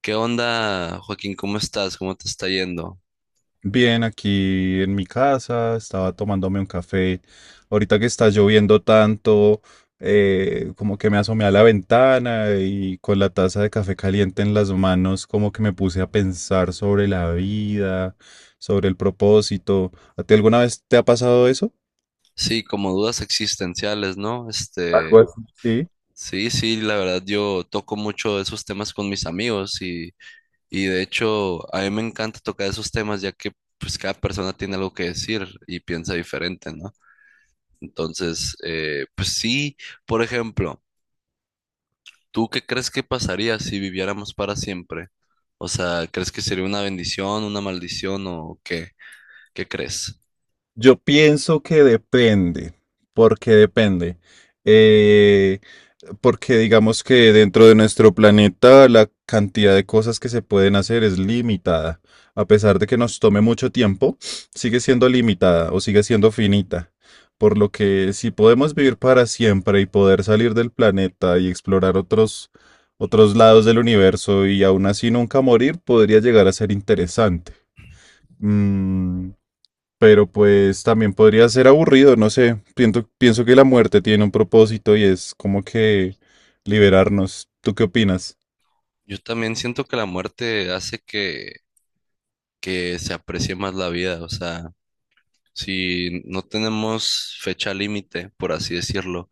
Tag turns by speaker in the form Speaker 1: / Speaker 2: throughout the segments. Speaker 1: ¿Qué onda, Joaquín? ¿Cómo estás? ¿Cómo te está yendo?
Speaker 2: Bien, aquí en mi casa, estaba tomándome un café. Ahorita que está lloviendo tanto, como que me asomé a la ventana y con la taza de café caliente en las manos, como que me puse a pensar sobre la vida, sobre el propósito. ¿A ti alguna vez te ha pasado eso?
Speaker 1: Sí, como dudas existenciales, ¿no?
Speaker 2: Algo
Speaker 1: Este,
Speaker 2: así. Sí.
Speaker 1: sí, sí, la verdad yo toco mucho esos temas con mis amigos y de hecho a mí me encanta tocar esos temas, ya que pues cada persona tiene algo que decir y piensa diferente, ¿no? Entonces, pues sí, por ejemplo, ¿tú qué crees que pasaría si viviéramos para siempre? O sea, ¿crees que sería una bendición, una maldición o qué? ¿Qué crees?
Speaker 2: Yo pienso que depende, porque depende. Eh, Porque digamos que dentro de nuestro planeta la cantidad de cosas que se pueden hacer es limitada. A pesar de que nos tome mucho tiempo, sigue siendo limitada o sigue siendo finita. Por lo que si podemos vivir para siempre y poder salir del planeta y explorar otros lados del universo y aún así nunca morir, podría llegar a ser interesante. Mm, pero pues también podría ser aburrido, no sé. Pienso que la muerte tiene un propósito y es como que liberarnos. ¿Tú qué opinas?
Speaker 1: Yo también siento que la muerte hace que se aprecie más la vida. O sea, si no tenemos fecha límite, por así decirlo,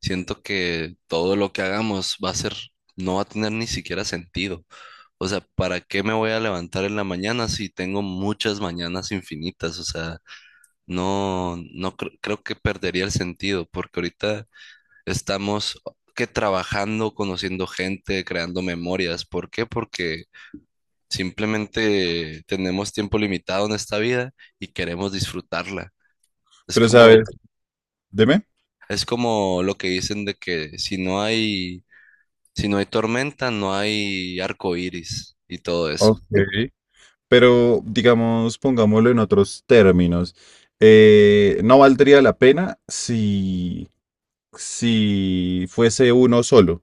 Speaker 1: siento que todo lo que hagamos va a no va a tener ni siquiera sentido. O sea, ¿para qué me voy a levantar en la mañana si tengo muchas mañanas infinitas? O sea, no, no cre- creo que perdería el sentido, porque ahorita estamos que trabajando, conociendo gente, creando memorias. ¿Por qué? Porque simplemente tenemos tiempo limitado en esta vida y queremos disfrutarla. Es
Speaker 2: Pero sabes,
Speaker 1: como,
Speaker 2: dime.
Speaker 1: es como lo que dicen de que si no hay tormenta, no hay arco iris y todo eso.
Speaker 2: Ok. Pero digamos, pongámoslo en otros términos. No valdría la pena si fuese uno solo.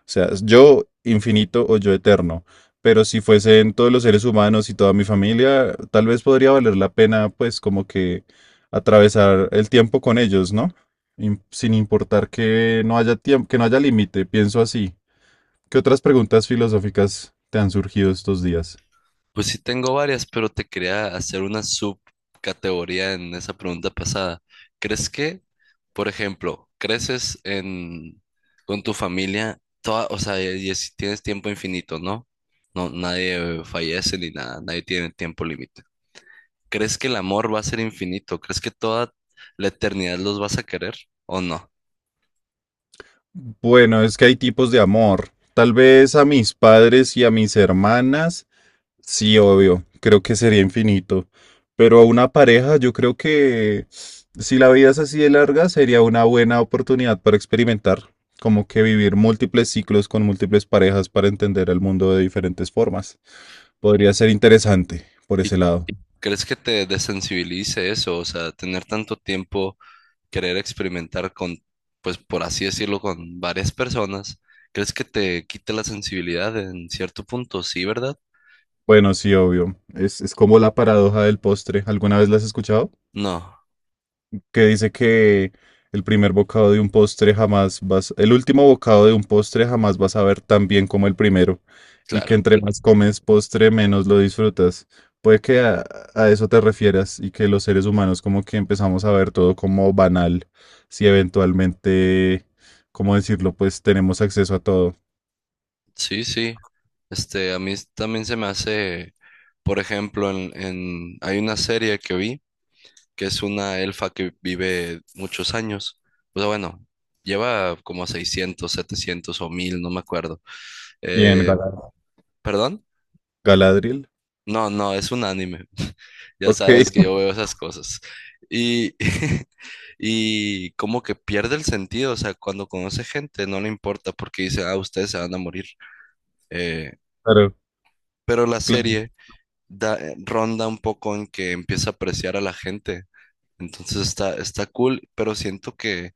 Speaker 2: O sea, yo infinito o yo eterno. Pero si fuesen todos los seres humanos y toda mi familia, tal vez podría valer la pena, pues, como que atravesar el tiempo con ellos, ¿no? Sin importar que no haya tiempo, que no haya límite, pienso así. ¿Qué otras preguntas filosóficas te han surgido estos días?
Speaker 1: Pues sí tengo varias, pero te quería hacer una subcategoría en esa pregunta pasada. ¿Crees que, por ejemplo, creces en con tu familia toda? O sea, y si tienes tiempo infinito, ¿no? No, nadie fallece ni nada, nadie tiene tiempo límite. ¿Crees que el amor va a ser infinito? ¿Crees que toda la eternidad los vas a querer o no?
Speaker 2: Bueno, es que hay tipos de amor. Tal vez a mis padres y a mis hermanas, sí, obvio, creo que sería infinito. Pero a una pareja, yo creo que si la vida es así de larga, sería una buena oportunidad para experimentar, como que vivir múltiples ciclos con múltiples parejas para entender el mundo de diferentes formas. Podría ser interesante por
Speaker 1: ¿Y
Speaker 2: ese lado.
Speaker 1: crees que te desensibilice eso? O sea, tener tanto tiempo, querer experimentar pues por así decirlo, con varias personas, ¿crees que te quite la sensibilidad en cierto punto? ¿Sí, verdad?
Speaker 2: Bueno, sí, obvio. Es como la paradoja del postre. ¿Alguna vez la has escuchado?
Speaker 1: No,
Speaker 2: Que dice que el primer bocado de un postre jamás vas, el último bocado de un postre jamás vas a ver tan bien como el primero, y que
Speaker 1: claro.
Speaker 2: entre más comes postre, menos lo disfrutas. Puede que a, a eso te refieras y que los seres humanos como que empezamos a ver todo como banal, si eventualmente, ¿cómo decirlo? Pues tenemos acceso a todo.
Speaker 1: Sí, sí. Este, a mí también se me hace, por ejemplo, hay una serie que vi, que es una elfa que vive muchos años. O sea, bueno, lleva como 600 700 o 1000, no me acuerdo.
Speaker 2: Bien,
Speaker 1: Eh,
Speaker 2: Galadriel.
Speaker 1: ¿Perdón?
Speaker 2: Galadriel.
Speaker 1: No, no, es un anime. Ya
Speaker 2: Ok,
Speaker 1: sabes que yo veo esas cosas. Y y como que pierde el sentido. O sea, cuando conoce gente no le importa porque dice, ah, ustedes se van a morir. Eh,
Speaker 2: claro,
Speaker 1: pero la
Speaker 2: claro.
Speaker 1: serie ronda un poco en que empieza a apreciar a la gente. Entonces está, está cool, pero siento que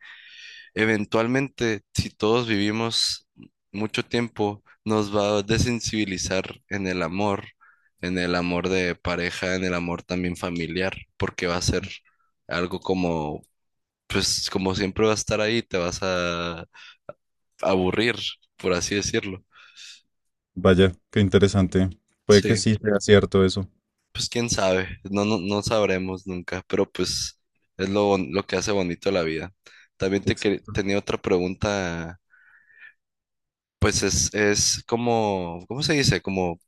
Speaker 1: eventualmente, si todos vivimos mucho tiempo, nos va a desensibilizar en el amor de pareja, en el amor también familiar, porque va a ser algo como, pues, como siempre va a estar ahí, te vas a aburrir, por así decirlo.
Speaker 2: Vaya, qué interesante. Puede que
Speaker 1: Sí,
Speaker 2: sí sea cierto eso.
Speaker 1: pues quién sabe. No, no sabremos nunca, pero pues es lo que hace bonito la vida. También
Speaker 2: Exacto.
Speaker 1: tenía otra pregunta, pues es como, ¿cómo se dice? Como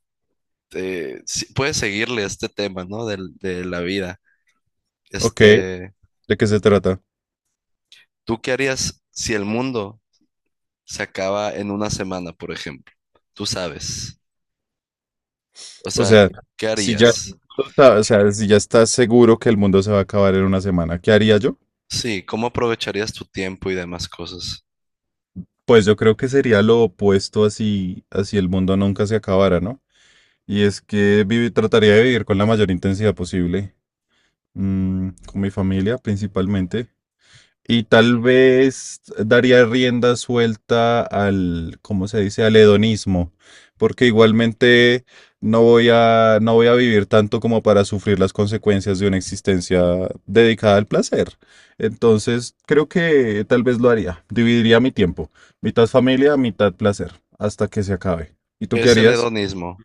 Speaker 1: puedes seguirle este tema, ¿no? De la vida.
Speaker 2: Ok,
Speaker 1: Este,
Speaker 2: ¿de qué se trata?
Speaker 1: ¿tú qué harías si el mundo se acaba en una semana, por ejemplo? Tú sabes. O
Speaker 2: O
Speaker 1: sea,
Speaker 2: sea,
Speaker 1: ¿qué
Speaker 2: si ya,
Speaker 1: harías?
Speaker 2: o sea, si ya estás seguro que el mundo se va a acabar en una semana, ¿qué haría yo?
Speaker 1: Sí, ¿cómo aprovecharías tu tiempo y demás cosas?
Speaker 2: Pues yo creo que sería lo opuesto así, así el mundo nunca se acabara, ¿no? Y es que trataría de vivir con la mayor intensidad posible, mm, con mi familia principalmente. Y tal vez daría rienda suelta al, ¿cómo se dice? Al hedonismo, porque igualmente no voy a vivir tanto como para sufrir las consecuencias de una existencia dedicada al placer. Entonces, creo que tal vez lo haría. Dividiría mi tiempo, mitad familia, mitad placer, hasta que se acabe. ¿Y tú
Speaker 1: ¿Qué
Speaker 2: qué
Speaker 1: es el
Speaker 2: harías?
Speaker 1: hedonismo?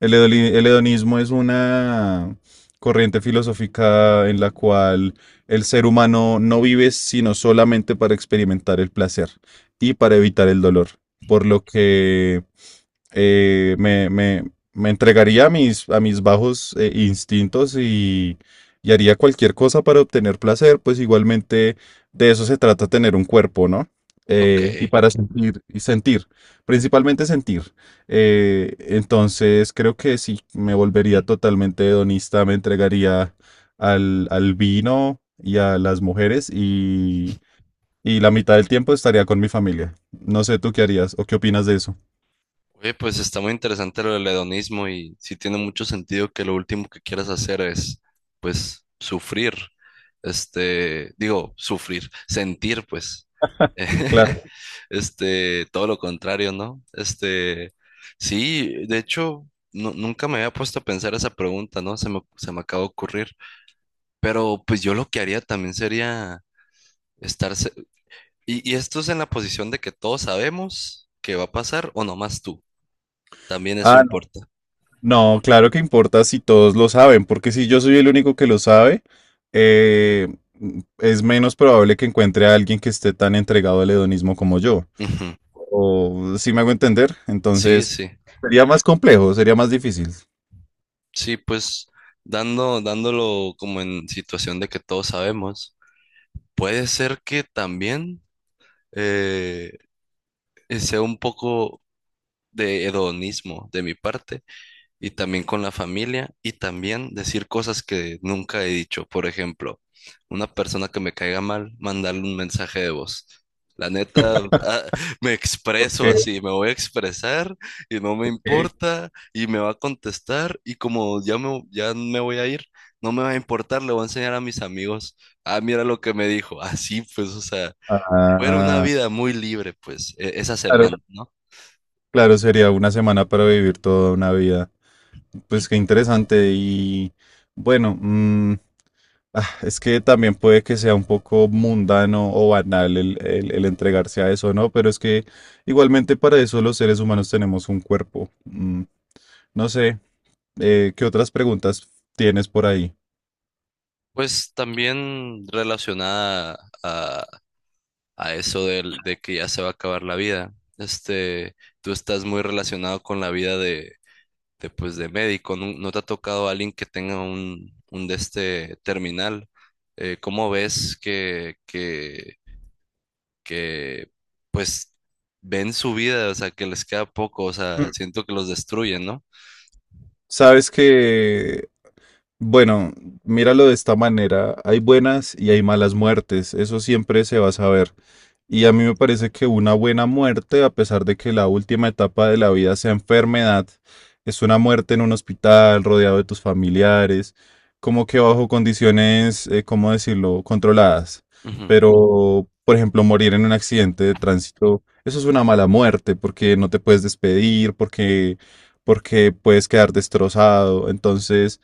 Speaker 2: El hedonismo es una corriente filosófica en la cual el ser humano no vive sino solamente para experimentar el placer y para evitar el dolor, por lo que eh, me, me- me entregaría a a mis bajos instintos, y haría cualquier cosa para obtener placer, pues igualmente de eso se trata tener un cuerpo, ¿no?
Speaker 1: Ok.
Speaker 2: Y para sentir, y sentir, principalmente sentir. Entonces creo que sí, me volvería totalmente hedonista, me entregaría al vino y a las mujeres, y la mitad del tiempo estaría con mi familia. No sé tú qué harías o qué opinas de eso.
Speaker 1: Oye, pues está muy interesante lo del hedonismo y sí tiene mucho sentido que lo último que quieras hacer pues, sufrir. Este, digo, sufrir, sentir, pues.
Speaker 2: Claro.
Speaker 1: Este, todo lo contrario, ¿no? Este, sí, de hecho, nunca me había puesto a pensar esa pregunta, ¿no? Se me acaba de ocurrir. Pero pues yo lo que haría también sería estarse. Y esto es en la posición de que todos sabemos que va a pasar o nomás tú. También eso
Speaker 2: Ah,
Speaker 1: importa.
Speaker 2: no, claro que importa si todos lo saben, porque si yo soy el único que lo sabe, eh, es menos probable que encuentre a alguien que esté tan entregado al hedonismo como yo.
Speaker 1: Ujú.
Speaker 2: O si me hago entender,
Speaker 1: Sí,
Speaker 2: entonces
Speaker 1: sí.
Speaker 2: sería más complejo, sería más difícil.
Speaker 1: Sí, pues dándolo como en situación de que todos sabemos, puede ser que también eh, sea un poco de hedonismo de mi parte, y también con la familia y también decir cosas que nunca he dicho. Por ejemplo, una persona que me caiga mal, mandarle un mensaje de voz. La neta, ah, me
Speaker 2: Ok,
Speaker 1: expreso así, me voy a expresar y no me
Speaker 2: ok.
Speaker 1: importa y me va a contestar, y como ya me voy a ir, no me va a importar, le voy a enseñar a mis amigos, ah, mira lo que me dijo, así pues, o sea, fue una
Speaker 2: Ah,
Speaker 1: vida muy libre pues esa
Speaker 2: claro,
Speaker 1: semana, ¿no?
Speaker 2: claro, sería una semana para vivir toda una vida. Pues qué interesante y bueno, mm, ah, es que también puede que sea un poco mundano o banal el entregarse a eso, ¿no? Pero es que igualmente para eso los seres humanos tenemos un cuerpo. Mm, no sé, ¿qué otras preguntas tienes por ahí?
Speaker 1: Pues también relacionada a, a eso de, que ya se va a acabar la vida. Este, tú estás muy relacionado con la vida pues, de médico. ¿No, no te ha tocado alguien que tenga un de este terminal? ¿Cómo ves que, pues, ven su vida? O sea, que les queda poco. O sea,
Speaker 2: Mm.
Speaker 1: siento que los destruyen, ¿no?
Speaker 2: Sabes que, bueno, míralo de esta manera, hay buenas y hay malas muertes, eso siempre se va a saber. Y a mí me parece que una buena muerte, a pesar de que la última etapa de la vida sea enfermedad, es una muerte en un hospital, rodeado de tus familiares, como que bajo condiciones, ¿cómo decirlo?, controladas.
Speaker 1: Ujú.
Speaker 2: Pero, por ejemplo, morir en un accidente de tránsito, eso es una mala muerte porque no te puedes despedir, porque puedes quedar destrozado. Entonces,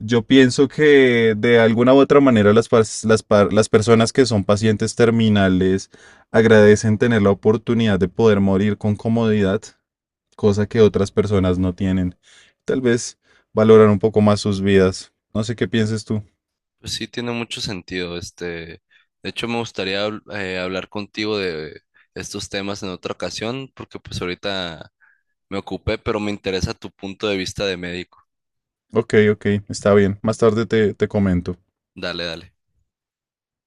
Speaker 2: yo pienso que de alguna u otra manera las, pas- las, pa- las personas que son pacientes terminales agradecen tener la oportunidad de poder morir con comodidad, cosa que otras personas no tienen. Tal vez valoran un poco más sus vidas. No sé qué pienses tú.
Speaker 1: Pues sí, tiene mucho sentido. Este, de hecho, me gustaría hablar contigo de estos temas en otra ocasión, porque pues ahorita me ocupé, pero me interesa tu punto de vista de médico.
Speaker 2: Ok, ok, está bien. Más tarde te comento.
Speaker 1: Dale, dale.